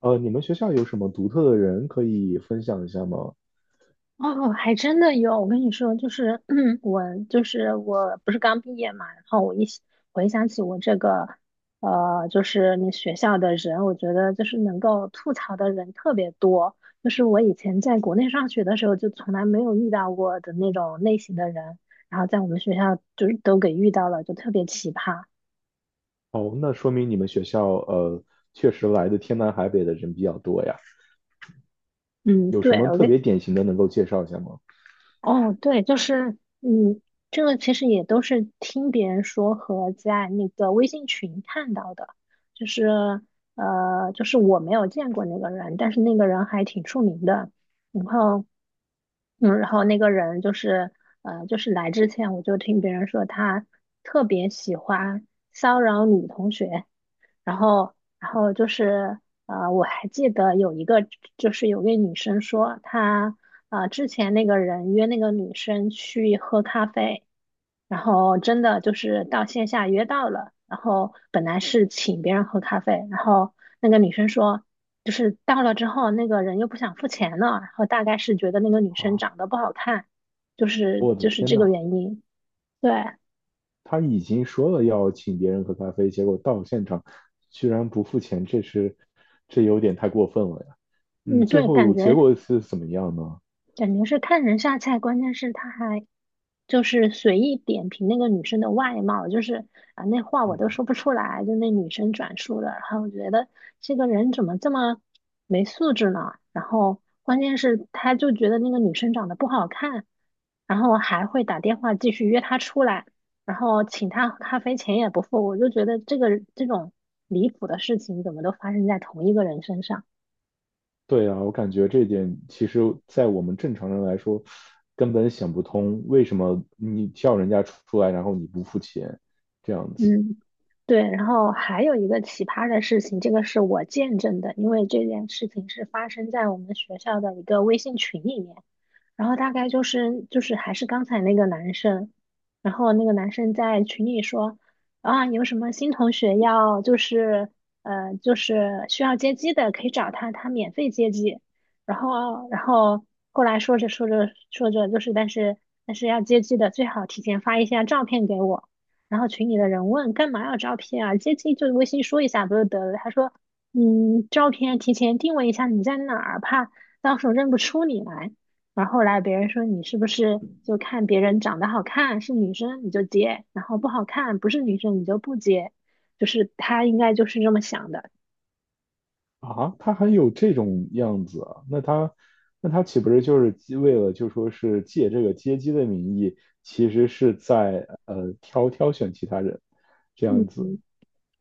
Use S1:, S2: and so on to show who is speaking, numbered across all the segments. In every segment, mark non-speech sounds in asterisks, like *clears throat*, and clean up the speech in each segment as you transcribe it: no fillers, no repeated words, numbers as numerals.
S1: 你们学校有什么独特的人可以分享一下吗？
S2: 哦，还真的有。我跟你说，就是 *clears throat* 我，就是我不是刚毕业嘛，然后我一想回想起我这个，就是那学校的人，我觉得就是能够吐槽的人特别多。就是我以前在国内上学的时候，就从来没有遇到过的那种类型的人，然后在我们学校就是都给遇到了，就特别奇葩。
S1: 哦，那说明你们学校确实来的天南海北的人比较多呀。
S2: 嗯，
S1: 有什
S2: 对，
S1: 么特别典型的能够介绍一下吗？
S2: 哦，对，就是，这个其实也都是听别人说和在那个微信群看到的，就是，我没有见过那个人，但是那个人还挺出名的，然后，然后那个人就是，就是来之前我就听别人说他特别喜欢骚扰女同学，然后，我还记得有一个，就是有位女生说，之前那个人约那个女生去喝咖啡，然后真的就是到线下约到了，然后本来是请别人喝咖啡，然后那个女生说，就是到了之后，那个人又不想付钱了，然后大概是觉得那个女生
S1: 啊，
S2: 长得不好看，就是
S1: 我的
S2: 就是
S1: 天
S2: 这
S1: 呐，
S2: 个原因。对，
S1: 他已经说了要请别人喝咖啡，结果到现场居然不付钱，这有点太过分了呀。嗯，
S2: 嗯，
S1: 最
S2: 对，感
S1: 后结
S2: 觉
S1: 果是怎么样呢？
S2: 是看人下菜，关键是他还。就是随意点评那个女生的外貌，就是啊，那话我都
S1: 嗯，
S2: 说不出来，就那女生转述的。然后我觉得这个人怎么这么没素质呢？然后关键是他就觉得那个女生长得不好看，然后还会打电话继续约她出来，然后请她喝咖啡钱也不付。我就觉得这种离谱的事情怎么都发生在同一个人身上。
S1: 对啊，我感觉这一点其实，在我们正常人来说，根本想不通为什么你叫人家出来，然后你不付钱，这样子。
S2: 嗯，对，然后还有一个奇葩的事情，这个是我见证的，因为这件事情是发生在我们学校的一个微信群里面。然后大概就是还是刚才那个男生，然后那个男生在群里说啊，有什么新同学要需要接机的，可以找他，他免费接机。然后后来说着说着说着但是要接机的最好提前发一下照片给我。然后群里的人问干嘛要照片啊？接机就微信说一下不就得了？他说嗯，照片提前定位一下你在哪儿，怕到时候认不出你来。然后后来别人说你是不是就看别人长得好看是女生你就接，然后不好看不是女生你就不接，就是他应该就是这么想的。
S1: 啊？他还有这种样子啊？那他岂不是就是为了就说是借这个接机的名义，其实是在挑挑选其他人这
S2: 嗯，
S1: 样子。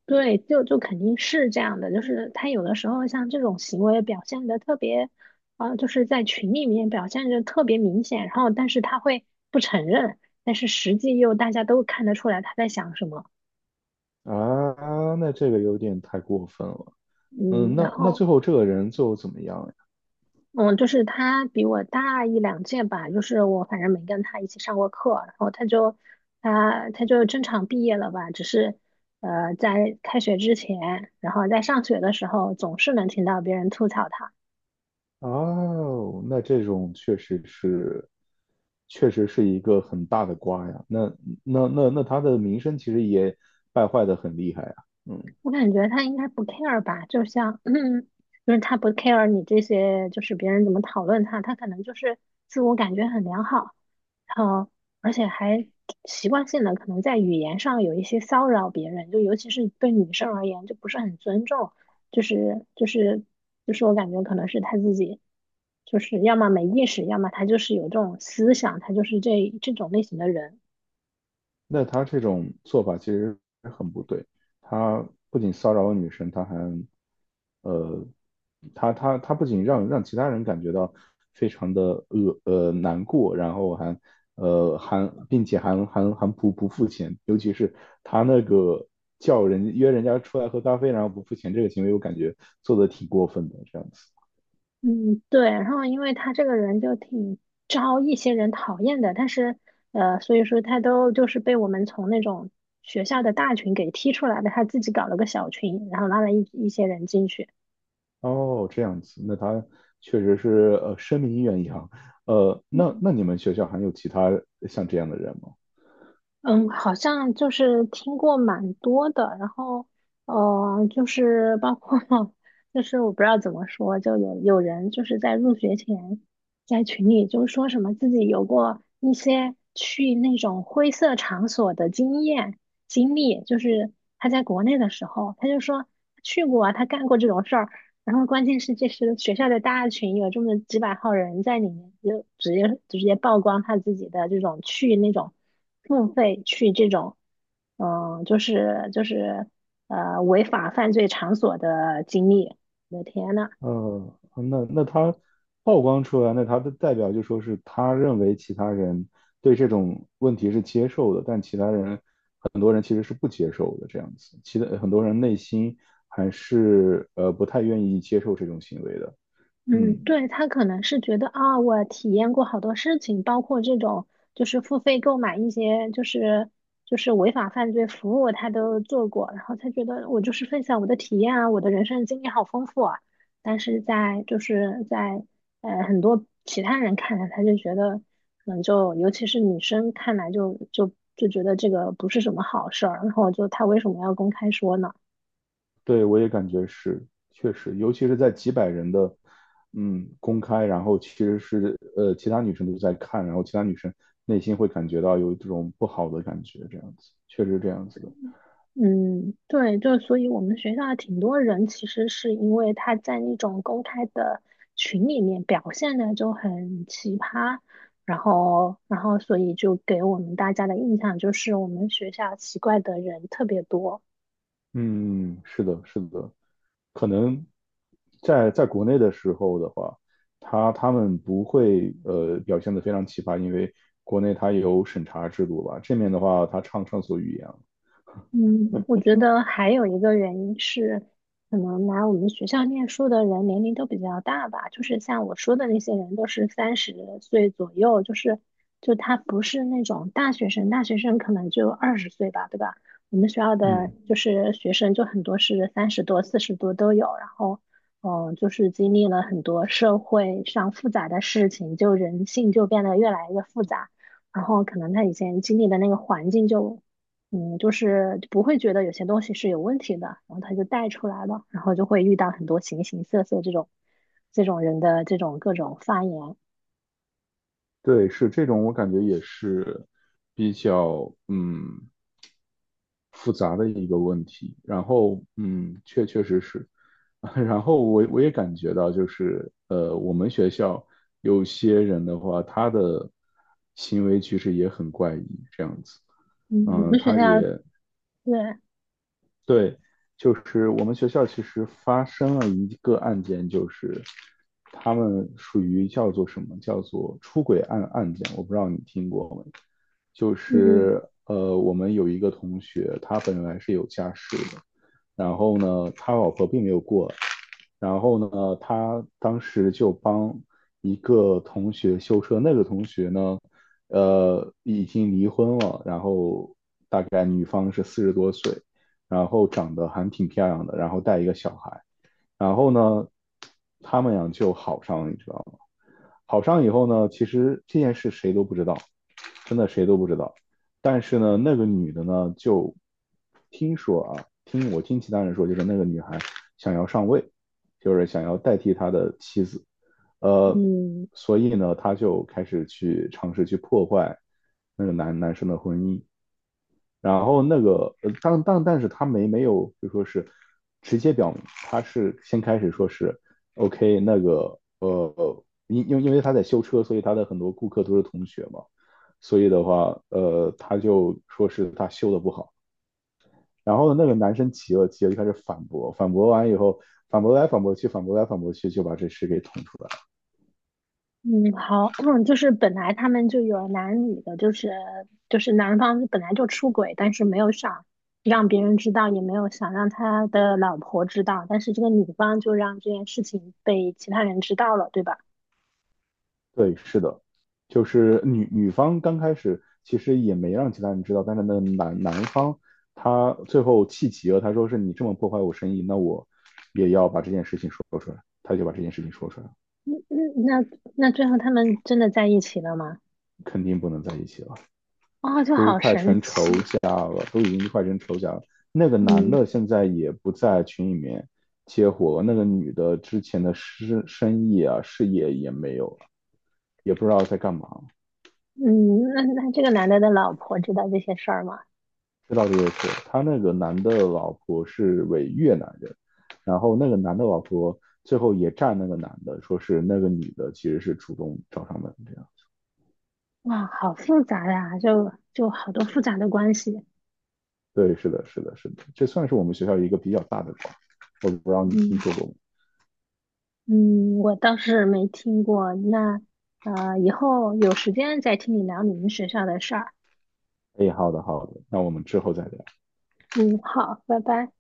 S2: 对，就肯定是这样的，就是他有的时候像这种行为表现的特别，啊、就是在群里面表现的特别明显，然后但是他会不承认，但是实际又大家都看得出来他在想什么。
S1: 啊？那这个有点太过分了。嗯，
S2: 嗯，然
S1: 那那
S2: 后。
S1: 最后这个人最后怎么样？
S2: 嗯，就是他比我大一两届吧，就是我反正没跟他一起上过课，然后他就正常毕业了吧，只是在开学之前，然后在上学的时候总是能听到别人吐槽他。
S1: 哦，那这种确实是，确实是一个很大的瓜呀。那那他的名声其实也败坏的很厉害啊。嗯，
S2: 我感觉他应该不 care 吧，就像，*clears throat* 就是他不 care 你这些，就是别人怎么讨论他，他可能就是自我感觉很良好，然后而且还习惯性的可能在语言上有一些骚扰别人，就尤其是对女生而言，就不是很尊重，就是就是就是我感觉可能是他自己，就是要么没意识，要么他就是有这种思想，他就是这种类型的人。
S1: 那他这种做法其实很不对。他不仅骚扰女生，他还，呃，他不仅让其他人感觉到非常的难过，然后还还并且还不付钱，尤其是他那个叫人约人家出来喝咖啡，然后不付钱这个行为，我感觉做的挺过分的这样子。
S2: 嗯，对，然后因为他这个人就挺招一些人讨厌的，但是所以说他都就是被我们从那种学校的大群给踢出来的，他自己搞了个小群，然后拉了一些人进去。
S1: 哦，这样子，那他确实是声名远扬。那那你们学校还有其他像这样的人吗？
S2: 嗯，好像就是听过蛮多的，然后就是包括 *laughs* 就是我不知道怎么说，就有人就是在入学前在群里就说什么自己有过一些去那种灰色场所的经历，就是他在国内的时候，他就说去过啊，他干过这种事儿，然后关键是这是学校的大群，有这么几百号人在里面，就直接曝光他自己的这种去那种。付费去这种，嗯，就是违法犯罪场所的经历。我的天呐，
S1: 那那他曝光出来，那他的代表就说是他认为其他人对这种问题是接受的，但其他人很多人其实是不接受的这样子，其他很多人内心还是不太愿意接受这种行为的。
S2: 嗯，
S1: 嗯，
S2: 对，他可能是觉得啊，我体验过好多事情，包括这种就是付费购买一些就是违法犯罪服务，他都做过，然后他觉得我就是分享我的体验啊，我的人生经历好丰富啊。但是在很多其他人看来，他就觉得可能就尤其是女生看来就觉得这个不是什么好事儿，然后就他为什么要公开说呢？
S1: 对，我也感觉是，确实，尤其是在几百人的公开，然后其实是其他女生都在看，然后其他女生内心会感觉到有这种不好的感觉，这样子，确实这样子的。
S2: 嗯，对，就所以我们学校的挺多人其实是因为他在那种公开的群里面表现的就很奇葩，然后所以就给我们大家的印象就是我们学校奇怪的人特别多。
S1: 嗯，嗯，是的，是的，可能在国内的时候的话，他们不会表现的非常奇葩，因为国内它有审查制度吧，这面的话，他畅上所欲言。
S2: 嗯，我觉得还有一个原因是，可能来我们学校念书的人年龄都比较大吧，就是像我说的那些人都是30岁左右，就他不是那种大学生，大学生可能就20岁吧，对吧？我们学校的就
S1: 嗯，
S2: 是学生就很多是30多、40多都有，然后就是经历了很多社会上复杂的事情，就人性就变得越来越复杂。然后可能他以前经历的那个环境就就是不会觉得有些东西是有问题的，然后他就带出来了，然后就会遇到很多形形色色这种人的这种各种发言。
S1: 对，是这种，我感觉也是比较复杂的一个问题。然后嗯，确确实实，*laughs* 然后我也感觉到，就是我们学校有些人的话，他的行为其实也很怪异，这样子。
S2: 嗯，我
S1: 嗯，
S2: 们学
S1: 他
S2: 校
S1: 也
S2: 对，
S1: 对，就是我们学校其实发生了一个案件，就是他们属于叫做什么？叫做出轨案件，我不知道你听过没？就
S2: 嗯
S1: 是我们有一个同学，他本来是有家室的，然后呢，他老婆并没有过来。然后呢，他当时就帮一个同学修车，那个同学呢，已经离婚了，然后大概女方是四十多岁，然后长得还挺漂亮的，然后带一个小孩，然后呢，他们俩就好上了，你知道吗？好上以后呢，其实这件事谁都不知道，真的谁都不知道。但是呢，那个女的呢，就听说啊，听其他人说，就是那个女孩想要上位，就是想要代替她的妻子，呃，
S2: 嗯
S1: 所以呢，她就开始去尝试去破坏那个男生的婚姻，然后那个，但是他没有就说是直接表明，他是先开始说是 OK 那个因为他在修车，所以他的很多顾客都是同学嘛，所以的话，他就说是他修的不好。然后那个男生急了，急了就开始反驳，反驳完以后，反驳来反驳去，反驳来反驳去，就把这事给捅出来。
S2: 嗯，好，*clears throat* 就是本来他们就有男女的，就是男方本来就出轨，但是没有想让别人知道，也没有想让他的老婆知道，但是这个女方就让这件事情被其他人知道了，对吧？
S1: 对，是的，就是女方刚开始其实也没让其他人知道，但是那男方他最后气急了，他说是你这么破坏我生意，那我也要把这件事情说出来，他就把这件事情说出来了。
S2: 嗯嗯，那最后他们真的在一起了吗？
S1: 肯定不能在一起了，
S2: 哦，就
S1: 都
S2: 好
S1: 快成
S2: 神
S1: 仇
S2: 奇。
S1: 家了，都已经快成仇家了。那个男
S2: 嗯
S1: 的现在也不在群里面接活了，那个女的之前的生意啊事业也没有了，也不知道在干嘛。
S2: 嗯，那这个男的的老婆知道这些事儿吗？
S1: 这倒是也是，他那个男的老婆是伪越南人，然后那个男的老婆最后也站那个男的，说是那个女的其实是主动找上门这样。
S2: 哇，好复杂呀，就好多复杂的关系。
S1: 对，是的，是的，是的，这算是我们学校一个比较大的瓜，我不知道你听
S2: 嗯
S1: 说过吗？
S2: 嗯，我倒是没听过。那以后有时间再听你聊你们学校的事儿。
S1: 哎，好的，好的，那我们之后再聊。
S2: 嗯，好，拜拜。